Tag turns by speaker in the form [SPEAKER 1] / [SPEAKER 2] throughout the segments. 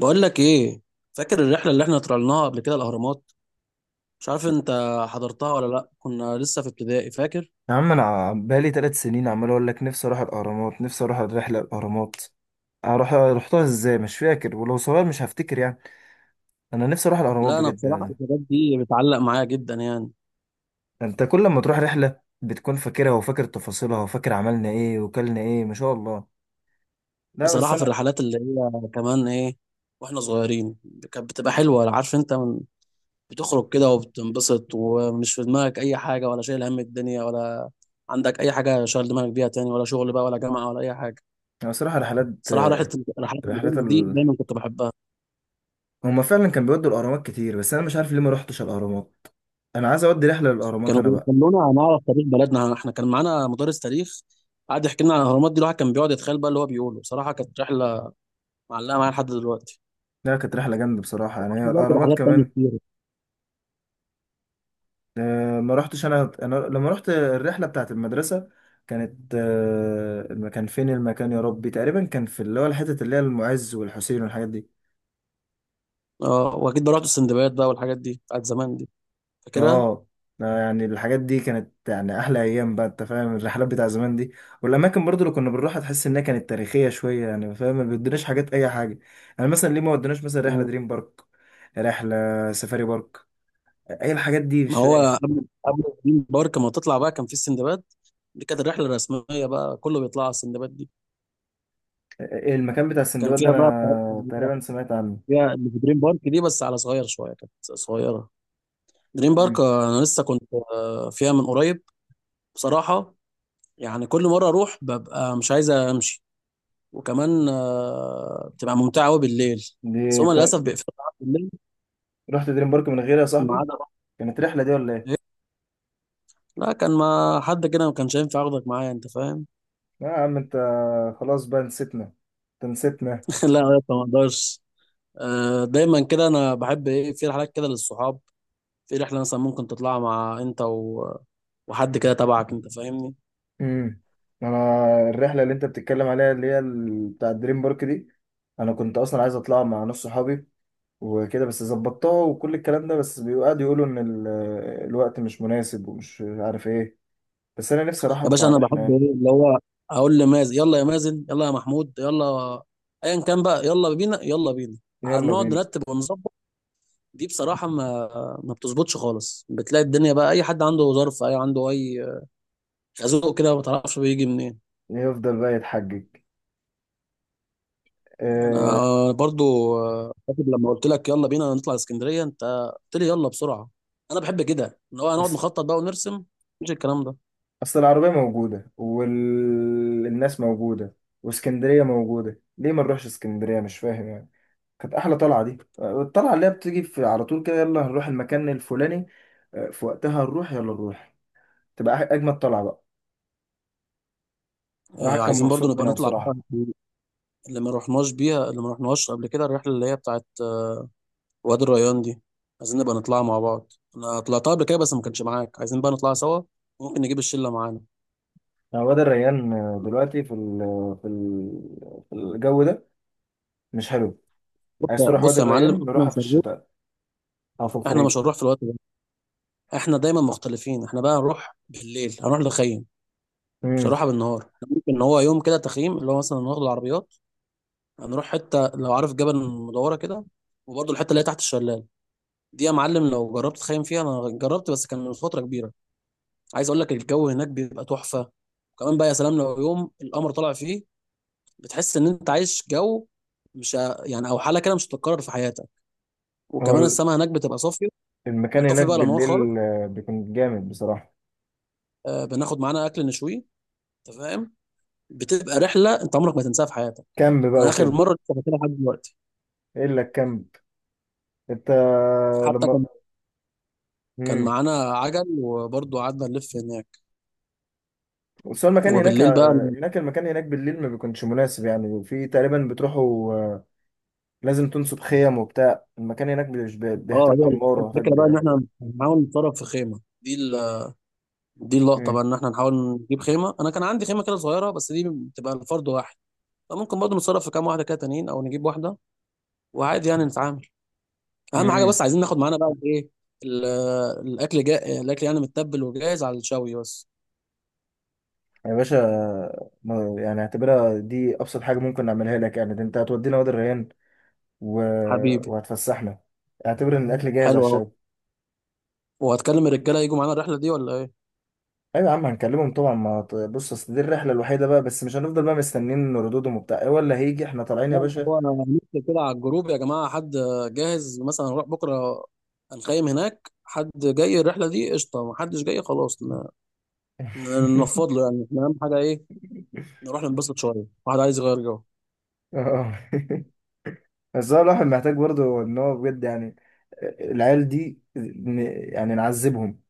[SPEAKER 1] بقول لك ايه؟ فاكر الرحله اللي احنا طلعناها قبل كده الاهرامات؟ مش عارف انت حضرتها ولا لا؟ كنا لسه في ابتدائي، فاكر؟
[SPEAKER 2] يا عم انا بقالي ثلاث سنين عمال اقول لك نفسي اروح الاهرامات نفسي اروح الرحله الاهرامات اروح رحتها ازاي مش فاكر ولو صغير مش هفتكر يعني. انا نفسي اروح الاهرامات
[SPEAKER 1] لا، انا
[SPEAKER 2] بجد
[SPEAKER 1] بصراحه
[SPEAKER 2] يعني.
[SPEAKER 1] الحاجات دي بتعلق معايا جدا يعني.
[SPEAKER 2] انت كل ما تروح رحله بتكون فاكرها وفاكر تفاصيلها وفاكر عملنا ايه وكلنا ايه ما شاء الله. لا بس
[SPEAKER 1] بصراحه في
[SPEAKER 2] انا
[SPEAKER 1] الرحلات اللي هي كمان ايه، واحنا صغيرين، كانت بتبقى حلوه، عارف انت؟ بتخرج كده وبتنبسط، ومش في دماغك اي حاجه، ولا شايل هم الدنيا، ولا عندك اي حاجه شغل دماغك بيها، تاني ولا شغل بقى ولا جامعه ولا اي حاجه.
[SPEAKER 2] انا بصراحه
[SPEAKER 1] صراحه رحله، الرحلات
[SPEAKER 2] رحلات
[SPEAKER 1] اللي دي
[SPEAKER 2] ال...
[SPEAKER 1] دايما كنت بحبها.
[SPEAKER 2] هما فعلا كان بيودوا الاهرامات كتير بس انا مش عارف ليه ما رحتش الاهرامات. انا عايز اودي رحله للاهرامات
[SPEAKER 1] كانوا
[SPEAKER 2] انا بقى.
[SPEAKER 1] بيخلونا هنعرف تاريخ بلدنا، احنا كان معانا مدرس تاريخ قعد يحكي لنا عن الاهرامات دي. الواحد كان بيقعد يتخيل بقى اللي هو بيقوله، بصراحه كانت رحله معلقه معايا لحد دلوقتي.
[SPEAKER 2] لا كانت رحله جامده بصراحه يعني هي
[SPEAKER 1] احنا برضه
[SPEAKER 2] الاهرامات
[SPEAKER 1] بحاجات تانية
[SPEAKER 2] كمان.
[SPEAKER 1] كتير.
[SPEAKER 2] ما رحتش انا لما رحت الرحله بتاعت المدرسه كانت، كان فين المكان يا ربي، تقريبا كان في اللي هو الحته اللي هي المعز والحسين والحاجات دي.
[SPEAKER 1] اه، واكيد بقى رحت السندباد بقى، والحاجات دي بتاعت زمان دي
[SPEAKER 2] اه،
[SPEAKER 1] فاكرها.
[SPEAKER 2] يعني الحاجات دي كانت يعني احلى ايام بقى، انت فاهم الرحلات بتاع زمان دي والاماكن برضو اللي كنا بنروحها تحس انها كانت تاريخيه شويه، يعني فاهم ما بيدوناش حاجات اي حاجه. يعني مثلا ليه ما ودوناش مثلا رحله
[SPEAKER 1] مم.
[SPEAKER 2] دريم بارك، رحله سفاري بارك، اي الحاجات دي
[SPEAKER 1] ما
[SPEAKER 2] مش فاهم.
[SPEAKER 1] هو قبل دريم بارك ما تطلع بقى كان في السندباد. دي كانت الرحله الرسميه بقى، كله بيطلع على السندباد دي.
[SPEAKER 2] المكان بتاع
[SPEAKER 1] كان
[SPEAKER 2] السندباد ده
[SPEAKER 1] فيها بقى الحاجات
[SPEAKER 2] انا
[SPEAKER 1] اللي هي
[SPEAKER 2] تقريبا سمعت عنه.
[SPEAKER 1] فيها اللي في دريم بارك دي، بس على صغير شويه، كانت صغيره. دريم بارك،
[SPEAKER 2] مم.
[SPEAKER 1] انا لسه كنت فيها من قريب بصراحه. يعني كل مرة أروح ببقى مش عايز أمشي، وكمان بتبقى ممتعة أوي بالليل.
[SPEAKER 2] دي
[SPEAKER 1] بس هما للأسف بيقفلوا على بالليل.
[SPEAKER 2] رحت دريم بارك من غيري يا
[SPEAKER 1] ما
[SPEAKER 2] صاحبي.
[SPEAKER 1] عدا رحت.
[SPEAKER 2] كانت رحلة دي ولا ايه؟
[SPEAKER 1] إيه. لا، كان ما حد كده، ما كانش ينفع أخدك معايا، أنت فاهم.
[SPEAKER 2] لا يا عم انت، خلاص بقى نسيتنا، انت نسيتنا.
[SPEAKER 1] لا يا اسطى، ما أقدرش. دايما كده أنا بحب إيه في رحلات كده للصحاب. في رحلة مثلا ممكن تطلعها مع أنت وحد كده تبعك، أنت فاهمني.
[SPEAKER 2] امم، انا الرحلة اللي انت بتتكلم عليها اللي هي بتاع دريم بارك دي، انا كنت اصلا عايز اطلع مع نص صحابي وكده، بس ظبطتها وكل الكلام ده بس بيقعدوا يقولوا ان الوقت مش مناسب ومش عارف ايه. بس انا نفسي راح
[SPEAKER 1] يا باشا،
[SPEAKER 2] اطلع
[SPEAKER 1] أنا
[SPEAKER 2] رحلة
[SPEAKER 1] بحب إيه
[SPEAKER 2] يعني.
[SPEAKER 1] اللي هو أقول لمازن: يلا يا مازن، يلا يا محمود، يلا أيا كان بقى، يلا بينا يلا بينا.
[SPEAKER 2] يلا
[SPEAKER 1] نقعد
[SPEAKER 2] بينا.
[SPEAKER 1] نرتب ونظبط. دي بصراحة ما بتظبطش خالص، بتلاقي الدنيا بقى أي حد عنده ظرف، أي عنده أي خازوق كده، ما تعرفش بيجي منين.
[SPEAKER 2] يفضل بقى يتحجج.
[SPEAKER 1] أنا
[SPEAKER 2] أه.
[SPEAKER 1] برضو فاكر لما قلت لك يلا بينا نطلع اسكندرية، أنت قلت لي يلا بسرعة. أنا بحب كده إن هو هنقعد
[SPEAKER 2] بس
[SPEAKER 1] نخطط بقى ونرسم، مش الكلام ده.
[SPEAKER 2] اصل العربية موجودة والناس موجودة واسكندرية موجودة، ليه ما نروحش اسكندرية مش فاهم يعني. كانت احلى طلعة دي، الطلعة اللي هي بتيجي في على طول كده، يلا هنروح المكان الفلاني، في وقتها نروح، يلا نروح، تبقى اجمد طلعة بقى. الواحد كان
[SPEAKER 1] عايزين برضو
[SPEAKER 2] مبسوط
[SPEAKER 1] نبقى
[SPEAKER 2] منها
[SPEAKER 1] نطلع بقى.
[SPEAKER 2] بصراحة.
[SPEAKER 1] اللي ما رحناش بيها، اللي ما رحناش قبل كده، الرحلة اللي هي بتاعت وادي الريان دي. عايزين نبقى نطلعها مع بعض، أنا طلعتها قبل كده بس ما كانش معاك، عايزين بقى نطلعها سوا. ممكن نجيب الشلة معانا.
[SPEAKER 2] يعني واد الريان دلوقتي في ال في ال في الجو ده مش حلو.
[SPEAKER 1] بص
[SPEAKER 2] عايز
[SPEAKER 1] يا
[SPEAKER 2] تروح
[SPEAKER 1] بص
[SPEAKER 2] وادي
[SPEAKER 1] يا معلم،
[SPEAKER 2] الريان،
[SPEAKER 1] احنا
[SPEAKER 2] نروحها في
[SPEAKER 1] مش هنروح.
[SPEAKER 2] الشتاء او في
[SPEAKER 1] احنا
[SPEAKER 2] الخريف.
[SPEAKER 1] مش هنروح في الوقت ده، احنا دايما مختلفين، احنا بقى هنروح بالليل، هنروح نخيم. مش
[SPEAKER 2] امم.
[SPEAKER 1] هنروحها بالنهار. إحنا ممكن ان هو يوم كده تخييم، اللي هو مثلا ناخد العربيات هنروح حته، لو عارف جبل المدوره كده، وبرضه الحته اللي هي تحت الشلال دي. يا معلم لو جربت تخيم فيها، انا جربت بس كان من فتره كبيره. عايز اقول لك الجو هناك بيبقى تحفه، وكمان بقى يا سلام لو يوم القمر طالع فيه، بتحس ان انت عايش جو، مش ه- يعني او حاله كده مش هتتكرر في حياتك. وكمان
[SPEAKER 2] هو
[SPEAKER 1] السماء هناك بتبقى صافيه،
[SPEAKER 2] المكان
[SPEAKER 1] بنطفي
[SPEAKER 2] هناك
[SPEAKER 1] بقى الانوار خالص،
[SPEAKER 2] بالليل بيكون جامد بصراحة.
[SPEAKER 1] بناخد معانا اكل نشويه، انت فاهم، بتبقى رحله انت عمرك ما تنساها في حياتك.
[SPEAKER 2] كامب بقى
[SPEAKER 1] انا اخر
[SPEAKER 2] وكده.
[SPEAKER 1] مره لسه فاكرها لحد دلوقتي.
[SPEAKER 2] ايه اللي الكامب؟ انت
[SPEAKER 1] حتى
[SPEAKER 2] لما،
[SPEAKER 1] كان
[SPEAKER 2] امم،
[SPEAKER 1] معانا عجل، وبرضه قعدنا نلف هناك
[SPEAKER 2] بس هو المكان هناك،
[SPEAKER 1] وبالليل بقى.
[SPEAKER 2] هناك المكان هناك بالليل ما بيكونش مناسب يعني، في تقريبا بتروحوا، لازم تنصب خيم وبتاع، المكان هناك مش
[SPEAKER 1] اه،
[SPEAKER 2] بيحتاج
[SPEAKER 1] هي
[SPEAKER 2] انوار
[SPEAKER 1] الفكره
[SPEAKER 2] ويحتاج.
[SPEAKER 1] بقى ان احنا نحاول نتصرف في خيمه دي دي اللقطه
[SPEAKER 2] امم.
[SPEAKER 1] بقى ان احنا نحاول نجيب خيمه. انا كان عندي خيمه كده صغيره بس دي بتبقى لفرد واحد، فممكن برضه نتصرف في كام واحده كده تانيين او نجيب واحده، وعادي يعني نتعامل. اهم حاجه
[SPEAKER 2] امم.
[SPEAKER 1] بس عايزين ناخد معانا بقى ايه؟ ال- الاكل جاء الاكل يعني متبل وجاهز على الشوي بس.
[SPEAKER 2] يا باشا، يعني اعتبرها دي ابسط حاجه ممكن نعملها لك، يعني ده انت هتودينا وادي الريان و...
[SPEAKER 1] حبيبي،
[SPEAKER 2] وهتفسحنا. اعتبر ان الاكل جاهز على
[SPEAKER 1] حلو اهو.
[SPEAKER 2] الشوي.
[SPEAKER 1] وهتكلم الرجاله يجوا معانا الرحله دي ولا ايه؟
[SPEAKER 2] ايوه يا عم هنكلمهم طبعا، ما ت- بص اصل دي الرحله الوحيده بقى، بس مش هنفضل بقى مستنيين ردودهم وبتاع إيه، ولا هيجي احنا طالعين يا
[SPEAKER 1] لا،
[SPEAKER 2] باشا.
[SPEAKER 1] لا، هو نكتب كده على الجروب: يا جماعة، حد جاهز مثلا نروح بكرة؟ هنخيم هناك، حد جاي الرحلة دي قشطة؟ ما حدش جاي خلاص؟
[SPEAKER 2] اه.
[SPEAKER 1] ننفض له يعني. احنا أهم حاجة إيه؟ نروح ننبسط شوية، واحد عايز يغير جو.
[SPEAKER 2] بس هو الواحد محتاج برضه ان هو بجد يعني العيال دي، يعني نعذبهم،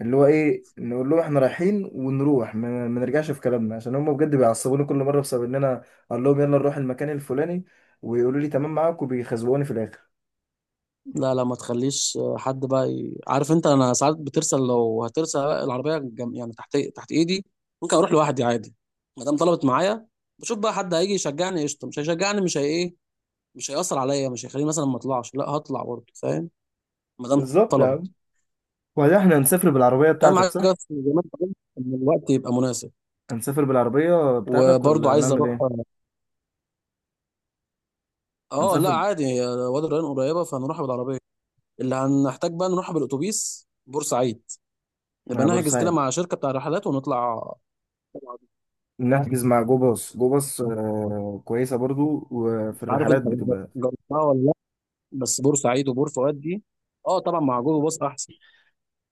[SPEAKER 2] اللي هو ايه، نقول لهم احنا رايحين ونروح، ما نرجعش في كلامنا، عشان هم بجد بيعصبوني كل مره بسبب ان انا اقول لهم يلا نروح المكان الفلاني، ويقولوا لي تمام معاك، وبيخزقوني في الاخر.
[SPEAKER 1] لا، لا، ما تخليش حد بقى عارف أنت، أنا ساعات بترسل، لو هترسل العربية يعني تحت تحت إيدي. ممكن أروح لوحدي عادي، ما دام طلبت معايا. بشوف بقى حد هيجي يشجعني قشطة، مش هيشجعني، مش هي إيه، مش هيأثر عليا، مش هيخليني مثلا ما أطلعش، لا هطلع برضه فاهم، ما دام
[SPEAKER 2] بالظبط يا
[SPEAKER 1] طلبت.
[SPEAKER 2] عم. وبعدين احنا هنسافر بالعربيه
[SPEAKER 1] اهم
[SPEAKER 2] بتاعتك
[SPEAKER 1] حاجه
[SPEAKER 2] صح؟
[SPEAKER 1] بس زي ما انت قلت ان الوقت يبقى مناسب.
[SPEAKER 2] هنسافر بالعربيه بتاعتك
[SPEAKER 1] وبرضه
[SPEAKER 2] ولا
[SPEAKER 1] عايز
[SPEAKER 2] نعمل
[SPEAKER 1] اروح.
[SPEAKER 2] ايه؟
[SPEAKER 1] اه، لا
[SPEAKER 2] هنسافر
[SPEAKER 1] عادي، هي وادي الريان قريبه فهنروحها بالعربيه. اللي هنحتاج بقى نروح بالاتوبيس بورسعيد، نبقى
[SPEAKER 2] مع
[SPEAKER 1] نحجز كده
[SPEAKER 2] بورسعيد.
[SPEAKER 1] مع شركه بتاع رحلات ونطلع. طبعاً.
[SPEAKER 2] نحجز مع جو باص، جو باص كويسة برضو، وفي
[SPEAKER 1] مش عارف
[SPEAKER 2] الرحلات
[SPEAKER 1] انت
[SPEAKER 2] بتبقى.
[SPEAKER 1] جربتها ولا لا؟ بس بورسعيد وبور فؤاد دي، اه طبعا مع جوجل باص احسن.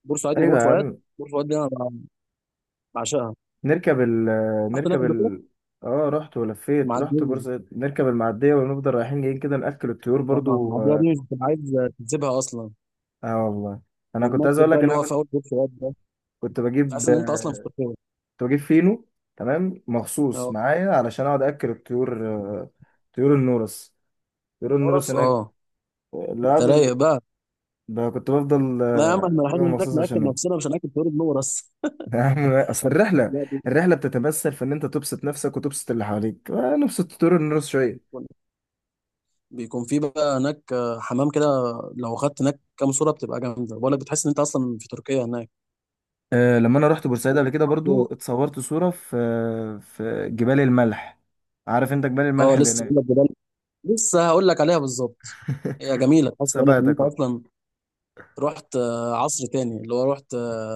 [SPEAKER 1] بورسعيد
[SPEAKER 2] أيوة
[SPEAKER 1] وبور
[SPEAKER 2] يا
[SPEAKER 1] فؤاد،
[SPEAKER 2] عم.
[SPEAKER 1] بور فؤاد دي انا بعشقها،
[SPEAKER 2] نركب ال
[SPEAKER 1] رحت هناك
[SPEAKER 2] نركب
[SPEAKER 1] قبل كده.
[SPEAKER 2] ال اه رحت ولفيت، رحت
[SPEAKER 1] معديه،
[SPEAKER 2] بورسعيد، نركب المعدية ونفضل رايحين جايين كده، نأكل الطيور برضو
[SPEAKER 1] معديه
[SPEAKER 2] اه.
[SPEAKER 1] دي مش بتبقى عايز تسيبها اصلا.
[SPEAKER 2] آه والله. أنا كنت عايز أقول
[SPEAKER 1] والمسجد بقى
[SPEAKER 2] لك إن
[SPEAKER 1] اللي هو
[SPEAKER 2] أنا
[SPEAKER 1] في
[SPEAKER 2] كنت
[SPEAKER 1] اول بور فؤاد ده،
[SPEAKER 2] كنت بجيب
[SPEAKER 1] تحس ان انت اصلا في تركيا.
[SPEAKER 2] كنت بجيب فينو تمام مخصوص
[SPEAKER 1] اه،
[SPEAKER 2] معايا علشان أقعد أكل الطيور. آه، طيور النورس
[SPEAKER 1] في
[SPEAKER 2] طيور النورس
[SPEAKER 1] الفرص،
[SPEAKER 2] هناك.
[SPEAKER 1] اه. انت
[SPEAKER 2] العب ب-
[SPEAKER 1] رايق بقى.
[SPEAKER 2] كنت بفضل
[SPEAKER 1] لا يا عم، احنا رايحين هناك
[SPEAKER 2] مخصوص
[SPEAKER 1] ناكل
[SPEAKER 2] عشانهم.
[SPEAKER 1] نفسنا، مش هناكل في وادي النور بس.
[SPEAKER 2] يا عم اصل الرحله
[SPEAKER 1] لا،
[SPEAKER 2] الرحله بتتمثل في ان انت تبسط نفسك وتبسط اللي حواليك، نبسط طول الناس شويه.
[SPEAKER 1] بيكون بيكون في بقى هناك حمام كده، لو خدت هناك كام صوره بتبقى جامده، بقول لك بتحس ان انت اصلا في تركيا هناك.
[SPEAKER 2] أه لما انا رحت بورسعيد قبل كده برضو
[SPEAKER 1] برضه-
[SPEAKER 2] اتصورت صوره في، في جبال الملح. عارف انت جبال الملح
[SPEAKER 1] اه،
[SPEAKER 2] اللي
[SPEAKER 1] لسه
[SPEAKER 2] هناك؟
[SPEAKER 1] بقول لك جبال، لسه هقول لك عليها بالظبط. هي جميله، تحس بقول لك ان انت
[SPEAKER 2] سبقتك اه.
[SPEAKER 1] اصلا رحت عصر تاني اللي هو، رحت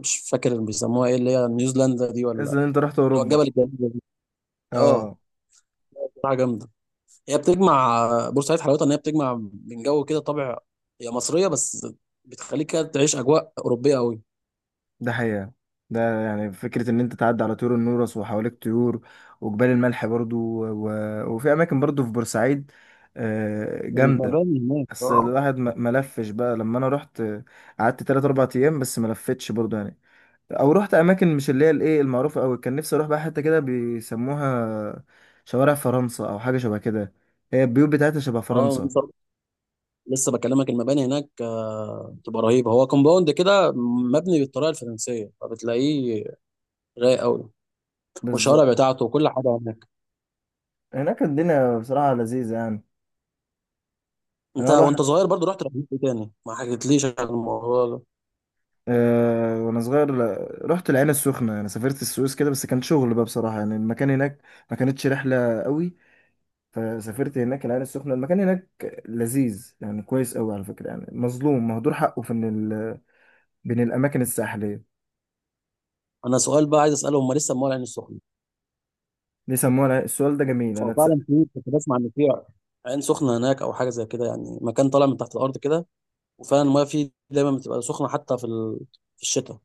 [SPEAKER 1] مش فاكر بيسموها ايه اللي هي نيوزيلندا دي
[SPEAKER 2] بس ان
[SPEAKER 1] ولا،
[SPEAKER 2] انت رحت
[SPEAKER 1] اللي هو الجبل
[SPEAKER 2] اوروبا
[SPEAKER 1] الجميل ده. اه،
[SPEAKER 2] اه.
[SPEAKER 1] حاجه جامده. هي بتجمع بورسعيد حلاوتها ان هي بتجمع من جو كده طابع، هي مصريه بس بتخليك كده تعيش اجواء اوروبيه قوي.
[SPEAKER 2] ده حقيقة. ده يعني فكرة ان انت تعدي على طيور النورس وحواليك طيور، وجبال الملح برضو، و... وفي اماكن برضو في بورسعيد جامدة.
[SPEAKER 1] المباني هناك
[SPEAKER 2] بس
[SPEAKER 1] اه،
[SPEAKER 2] الواحد ما لفش بقى لما انا رحت، قعدت 3 4 ايام بس ما لفتش برضه يعني، او رحت اماكن مش اللي هي الايه المعروفه قوي. كان نفسي اروح بقى حته كده بيسموها شوارع فرنسا او حاجه شبه كده، هي البيوت بتاعتها شبه
[SPEAKER 1] اه،
[SPEAKER 2] فرنسا.
[SPEAKER 1] لسه بكلمك. المباني هناك بتبقى رهيبه، هو كومباوند كده مبني بالطريقه الفرنسيه فبتلاقيه رايق قوي، والشوارع
[SPEAKER 2] بالظبط.
[SPEAKER 1] بتاعته وكل حاجه هناك.
[SPEAKER 2] هناك الدنيا بصراحه لذيذه يعني. انا
[SPEAKER 1] انت
[SPEAKER 2] اول واحد.
[SPEAKER 1] وانت صغير برضو رحت رحلات إيه تاني؟ ما حكيتليش عن الموضوع ده.
[SPEAKER 2] أه وانا صغير، رحت العين السخنه، انا سافرت السويس كده بس كان شغل بقى بصراحه، يعني المكان هناك ما كانتش رحله قوي. فسافرت هناك العين السخنة، المكان هناك لذيذ يعني كويس قوي على فكرة، يعني مظلوم مهدور حقه في ان ال... بين الأماكن الساحلية.
[SPEAKER 1] انا سؤال بقى عايز اساله، هم لسه مول عين السخنه؟
[SPEAKER 2] ليه السؤال ده جميل أنا
[SPEAKER 1] هو
[SPEAKER 2] اتسأل.
[SPEAKER 1] فعلا في، كنت بسمع ان في عين سخنه هناك او حاجه زي كده، يعني مكان طالع من تحت الارض كده، وفعلا المايه فيه دايما بتبقى سخنه حتى في الشتاء.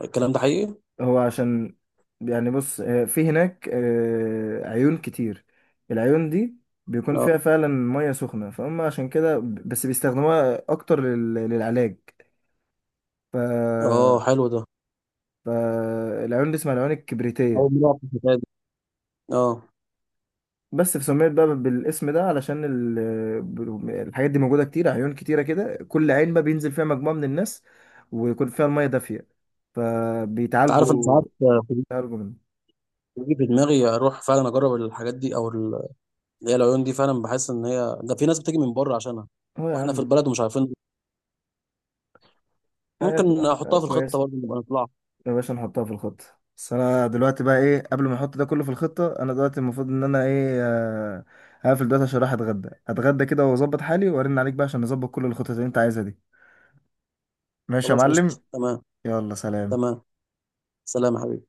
[SPEAKER 1] الكلام ده حقيقي؟
[SPEAKER 2] هو عشان، يعني بص، في هناك عيون كتير. العيون دي بيكون
[SPEAKER 1] اه،
[SPEAKER 2] فيها فعلا مية سخنة، فهم عشان كده بس بيستخدموها أكتر للعلاج. ف...
[SPEAKER 1] اه، حلو ده.
[SPEAKER 2] فالعيون دي اسمها العيون الكبريتية.
[SPEAKER 1] اول مره أعرف الحكايه دي. اه.
[SPEAKER 2] بس فسميت بقى بالاسم ده علشان الحاجات دي موجودة كتير، عيون كتيرة كده، كل عين بقى بينزل فيها مجموعة من الناس ويكون فيها المية دافية
[SPEAKER 1] انت عارف انا ساعات
[SPEAKER 2] فبيتعالجوا،
[SPEAKER 1] في-
[SPEAKER 2] بيتعالجوا منه.
[SPEAKER 1] بيجي في دماغي اروح فعلا اجرب الحاجات دي او اللي هي العيون دي فعلا، بحس ان هي ده في ناس بتيجي من بره عشانها،
[SPEAKER 2] اه يا
[SPEAKER 1] واحنا في
[SPEAKER 2] عم.
[SPEAKER 1] البلد ومش عارفين.
[SPEAKER 2] آه،
[SPEAKER 1] ممكن احطها في الخطه
[SPEAKER 2] كويس.
[SPEAKER 1] برضه، نبقى نطلع.
[SPEAKER 2] يا باشا نحطها في الخطة. بس انا دلوقتي بقى ايه، قبل ما احط ده كله في الخطة، انا دلوقتي المفروض ان انا ايه، هقفل دلوقتي عشان رايح اتغدى كده واظبط حالي وارن عليك بقى عشان نظبط كل الخطط اللي انت عايزها دي. ماشي يا
[SPEAKER 1] خلاص، قشطه،
[SPEAKER 2] معلم.
[SPEAKER 1] تمام.
[SPEAKER 2] يلا سلام.
[SPEAKER 1] تمام، سلام يا حبيبي.